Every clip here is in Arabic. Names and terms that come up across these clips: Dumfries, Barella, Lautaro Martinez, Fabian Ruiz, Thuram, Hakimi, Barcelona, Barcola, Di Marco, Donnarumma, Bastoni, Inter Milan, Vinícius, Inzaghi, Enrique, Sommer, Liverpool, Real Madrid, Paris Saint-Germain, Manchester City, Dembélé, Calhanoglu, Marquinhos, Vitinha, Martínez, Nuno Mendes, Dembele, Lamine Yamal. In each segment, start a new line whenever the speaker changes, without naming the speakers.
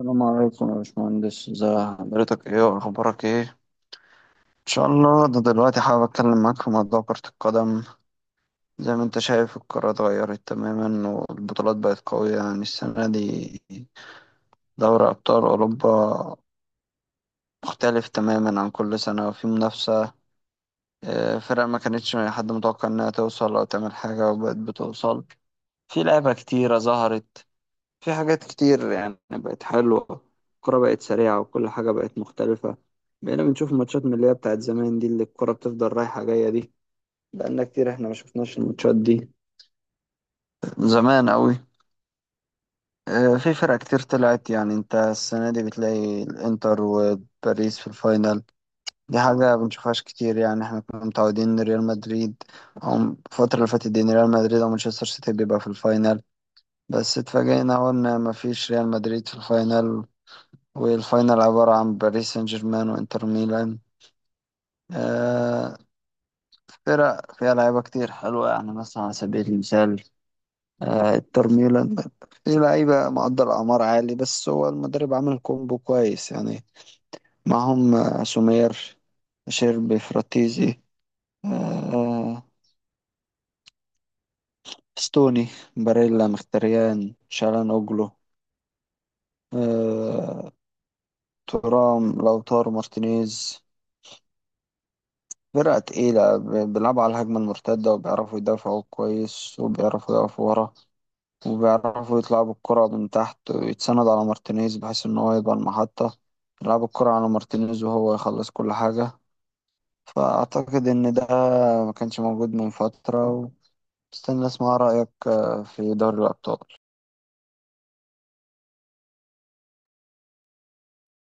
السلام عليكم يا باشمهندس. ازي حضرتك؟ ايه واخبارك ايه؟ ان شاء الله. ده دلوقتي حابب اتكلم معاك في موضوع كرة القدم. زي ما انت شايف، القارة اتغيرت تماما والبطولات بقت قوية، يعني السنة دي دوري ابطال اوروبا مختلف تماما عن كل سنة وفي منافسة. اه، فرق ما كانتش حد متوقع انها توصل او تعمل حاجة وبقت بتوصل. في لعبة كتيرة ظهرت، في حاجات كتير يعني بقت حلوة. الكرة بقت سريعة وكل حاجة بقت مختلفة. بقينا بنشوف ماتشات من اللي هي بتاعت زمان دي، اللي الكرة بتفضل رايحة جاية دي. بقالنا كتير احنا ما شفناش الماتشات دي، زمان أوي. في فرق كتير طلعت. يعني انت السنة دي بتلاقي الانتر وباريس في الفاينل. دي حاجة بنشوفهاش كتير. يعني احنا كنا متعودين ان ريال مدريد، او الفترة اللي فاتت دي، ان ريال مدريد او مانشستر سيتي بيبقى في الفاينل. بس اتفاجئنا اول ان مفيش ريال مدريد في الفاينل، والفاينل عبارة عن باريس سان جيرمان وإنتر ميلان. آه فرق فيها لعيبة كتير حلوة. يعني مثلا على سبيل المثال، إنتر ميلان فيه لعيبة مقدر أعمار عالي، بس هو المدرب عامل كومبو كويس يعني. معهم سومير، شيربي، فراتيزي، آه ستوني، باريلا، مختريان، شالان أوجلو، آه تورام، لوتارو مارتينيز. فرقة تقيلة بيلعبوا على الهجمة المرتدة، وبيعرفوا يدافعوا كويس وبيعرفوا يقفوا ورا، وبيعرفوا يطلعوا بالكرة من تحت ويتسند على مارتينيز، بحيث إن هو يبقى المحطة. يلعبوا الكرة على مارتينيز وهو يخلص كل حاجة. فأعتقد إن ده ما كانش موجود من فترة. واستنى أسمع رأيك في دوري الأبطال.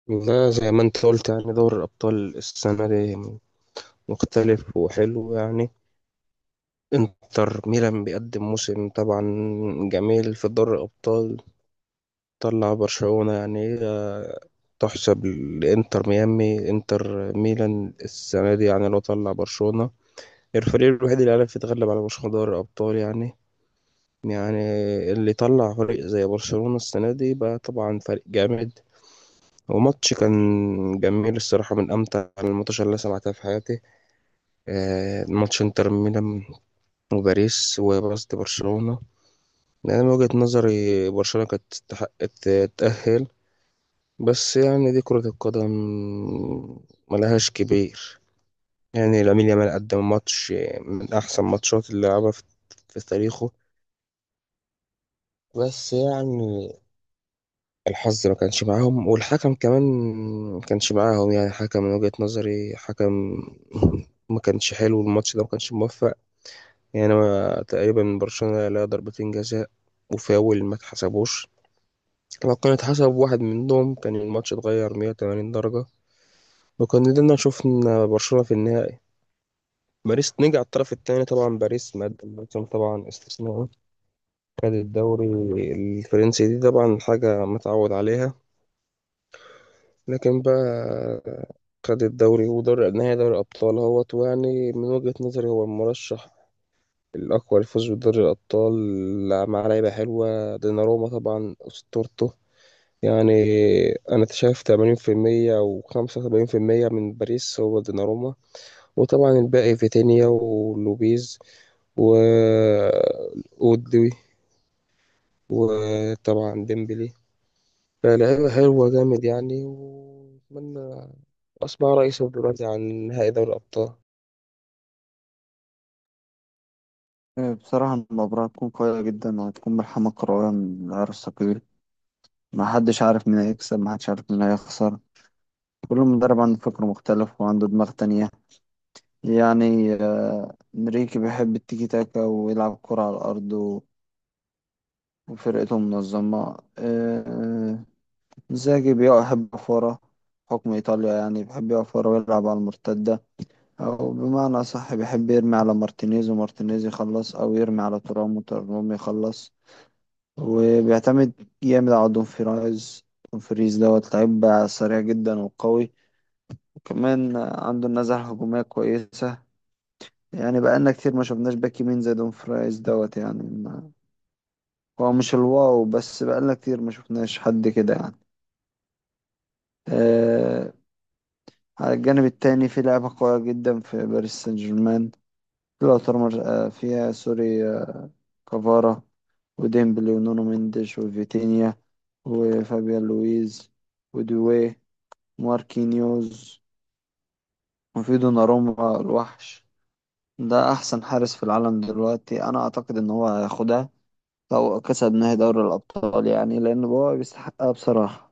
والله زي ما انت قلت يعني دوري الأبطال السنة دي مختلف وحلو يعني انتر ميلان بيقدم موسم طبعا جميل في دوري الأبطال طلع برشلونة يعني هي تحسب لإنتر ميامي انتر ميلان السنة دي يعني لو طلع برشلونة الفريق الوحيد اللي عرف يتغلب على برشلونة دوري الأبطال يعني يعني اللي طلع فريق زي برشلونة السنة دي بقى طبعا فريق جامد وماتش كان جميل الصراحة من أمتع الماتشات اللي أنا سمعتها في حياتي، آه، ماتش انتر ميلان وباريس وقصد برشلونة. يعني انا من وجهة نظري برشلونة كانت تستحق تتأهل، بس يعني دي كرة القدم ملهاش كبير. يعني لامين يامال قدم ماتش من احسن ماتشات اللي لعبها في تاريخه، بس يعني الحظ ما كانش معاهم والحكم كمان ما كانش معاهم، يعني حكم من وجهة نظري حكم ما كانش حلو، الماتش ده ما كانش موفق. يعني أنا تقريبا من برشلونة لا ضربتين جزاء وفاول ما اتحسبوش، لو كان اتحسب واحد منهم كان الماتش اتغير 180 درجة، وكان قدرنا شفنا برشلونة في النهائي. باريس نجع الطرف الثاني، طبعا باريس مقدم موسم طبعا استثنائي، خد الدوري الفرنسي دي طبعا حاجة متعود عليها، لكن بقى خد الدوري ودوري نهائي دوري الأبطال، هو يعني من وجهة نظري هو المرشح الأقوى للفوز بدوري الأبطال، مع لعيبة حلوة ديناروما طبعا أسطورته. يعني أنا شايف 80% في المية أو 75% في المية من باريس هو ديناروما، وطبعا الباقي فيتينيا ولوبيز و أودوي وطبعا ديمبلي. فلعيبة حلوة جامد يعني، وأتمنى أسمع رئيسه دلوقتي عن نهائي دوري الأبطال.
بصراحة المباراة هتكون قوية جدا، وهتكون ملحمة كروية من العيار الثقيل. ما حدش عارف مين هيكسب، ما حدش عارف مين هيخسر. كل مدرب عنده فكر مختلف وعنده دماغ تانية. يعني انريكي بيحب التيكي تاكا ويلعب كرة على الأرض، وفرقته منظمة. إنزاجي يحب يقف ورا، حكم إيطاليا يعني بيحب يقف ورا ويلعب على المرتدة. أو بمعنى صح بيحب يرمي على مارتينيز ومارتينيز يخلص، أو يرمي على تورام وتورام يخلص. وبيعتمد جامد على دومفريز. دومفريز دوت لعيب سريع جدا وقوي، وكمان عنده النزعة الهجومية كويسة. يعني بقالنا كتير ما شفناش باك يمين زي دون فرايز دوت. يعني ما هو مش الواو، بس بقالنا كتير ما شفناش حد كده يعني. آه على الجانب التاني في لعبة قوية جدا في باريس سان جيرمان. لوتر مر- آه فيها سوري، كفارا وديمبلي ونونو مينديش وفيتينيا وفابيان لويز ودوي، ماركينيوز، وفي دوناروما الوحش. ده أحسن حارس في العالم دلوقتي. أنا أعتقد إن هو هياخدها، أو كسبناه دوري الأبطال يعني، لأن هو بيستحقها بصراحة.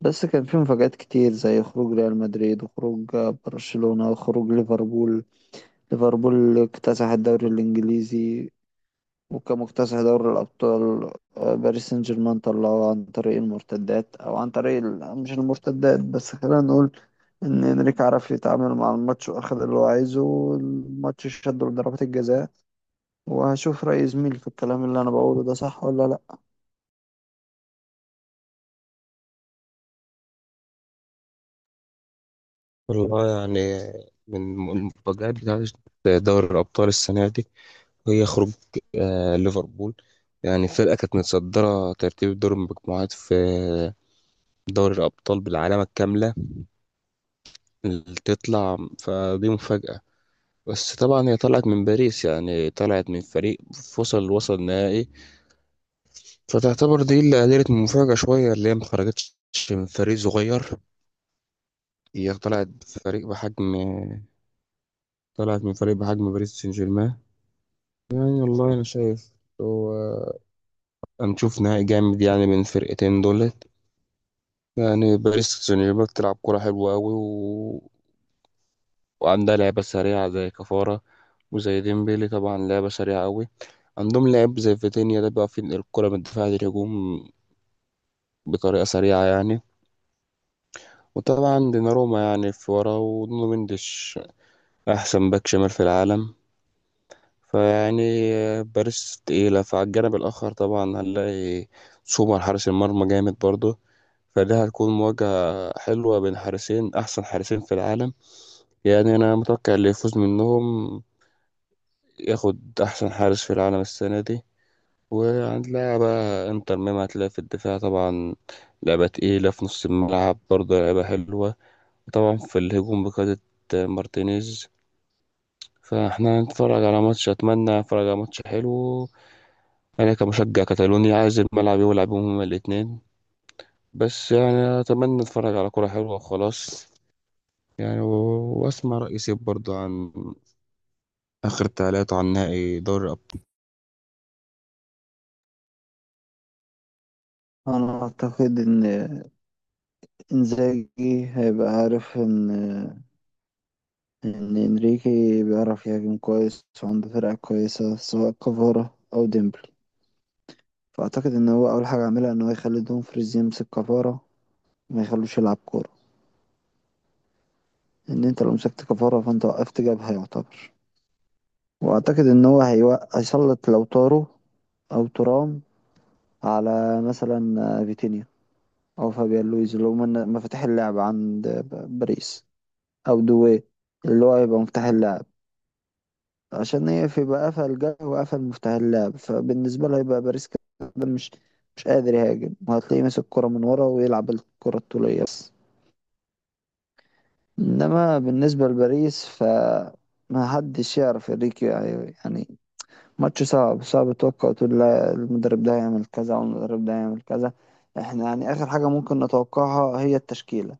بس كان في مفاجآت كتير، زي خروج ريال مدريد وخروج برشلونة وخروج ليفربول. ليفربول اكتسح الدوري الإنجليزي، وكان مكتسح دوري الأبطال. باريس سان جيرمان طلعوه عن طريق المرتدات، أو عن طريق مش المرتدات، بس خلينا نقول إن إنريك عرف يتعامل مع الماتش وأخد اللي هو عايزه، والماتش شده لضربات الجزاء. وهشوف رأي زميلي في الكلام اللي أنا بقوله ده صح ولا لأ.
والله يعني من المفاجآت بتاعت دوري الأبطال السنة دي هي خروج آه ليفربول. يعني الفرقة كانت متصدرة ترتيب دور المجموعات في دوري الأبطال بالعلامة الكاملة، اللي تطلع فدي مفاجأة، بس طبعا هي طلعت من باريس، يعني طلعت من فريق وصل نهائي، فتعتبر دي اللي قللت من المفاجأة شوية، اللي هي ما خرجتش من فريق صغير، هي طلعت بفريق بحجم طلعت من فريق بحجم باريس سان جيرمان. يعني والله أنا شايف هو هنشوف نهائي جامد يعني بين الفرقتين دول. يعني باريس سان جيرمان بتلعب كرة حلوة أوي، وعندها لعبة سريعة زي كفارة وزي ديمبلي، طبعا لعبة سريعة أوي، عندهم لاعب زي فيتينيا ده بيعرف ينقل الكرة من الدفاع للهجوم بطريقة سريعة يعني، وطبعا ديناروما يعني في ورا ونونو مندش أحسن باك شمال في العالم. فيعني باريس تقيلة، فعلى الجانب الآخر طبعا هنلاقي سومر حارس المرمى جامد برضه، فده هتكون مواجهة حلوة بين حارسين أحسن حارسين في العالم. يعني أنا متوقع اللي يفوز منهم ياخد أحسن حارس في العالم السنة دي. وهنلاعب بقى إنتر ميامي هتلاقي في الدفاع طبعا لعبة تقيلة، في نص الملعب برضه لعبة حلوة، طبعا في الهجوم بقيادة مارتينيز، فاحنا هنتفرج على ماتش أتمنى أتفرج على ماتش حلو. أنا كمشجع كتالوني عايز الملعب يلعب بيهم هما الـ2، بس يعني أتمنى أتفرج على كرة حلوة وخلاص. يعني وأسمع رأي سيب برضه عن آخر تعليقاته عن نهائي دوري الأبطال.
انا اعتقد ان انزاجي هيبقى عارف ان انريكي بيعرف يهاجم كويس وعنده فرقة كويسة، سواء كفارة او ديمبلي. فاعتقد ان هو اول حاجة عملها ان هو يخلي دومفريز يمسك كفارة وما يخلوش يلعب كورة. ان انت لو مسكت كفارة فانت وقفت جبهة يعتبر. واعتقد ان هو هيسلط لو طارو او ترام على مثلا فيتينيا، او فابيان لويز اللي هو مفاتيح اللعب عند باريس، او دوي اللي هو هيبقى مفتاح اللعب، عشان يقفل. يبقى قفل جه وقفل مفتاح اللعب، فبالنسبة له هيبقى باريس كده مش مش قادر يهاجم، وهتلاقيه ماسك الكرة من ورا ويلعب الكرة الطولية بس. إنما بالنسبة لباريس ف، ما حدش يعرف انريكي يعني ماتش صعب. صعب تتوقع تقول لا المدرب ده هيعمل كذا والمدرب ده هيعمل كذا. احنا يعني آخر حاجة ممكن نتوقعها هي التشكيلة.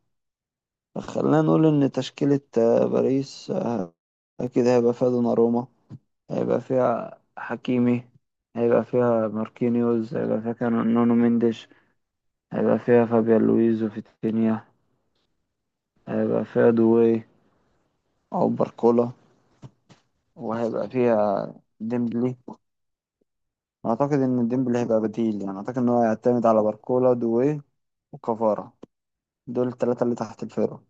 خلينا نقول إن تشكيلة باريس، أكيد هيبقى فيها دوناروما، هيبقى فيها حكيمي، هيبقى فيها ماركينيوز، هيبقى فيها نونو مينديش، هيبقى فيها فابيان لويز وفيتينيا، هيبقى فيها دوي أو باركولا، وهيبقى فيها ديمبلي. أعتقد إن ديمبلي هيبقى بديل. يعني أعتقد إن هو هيعتمد على باركولا، دوي، وكفارة، دول التلاتة اللي تحت الفرقة.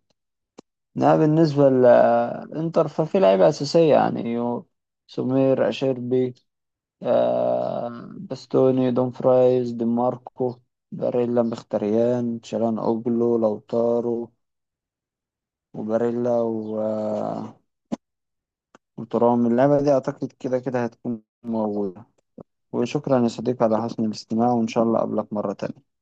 إنما بالنسبة لإنتر ففي لعيبة أساسية يعني، سمير، أشيربي، باستوني، دون فرايز، دي ماركو، باريلا، مختريان، تشالان اوجلو، لوتارو، وباريلا و... آه، وترام. اللعبة دي اعتقد كده كده هتكون موجودة. وشكرا يا صديقي على حسن الاستماع، وان شاء الله اقابلك مرة تانية.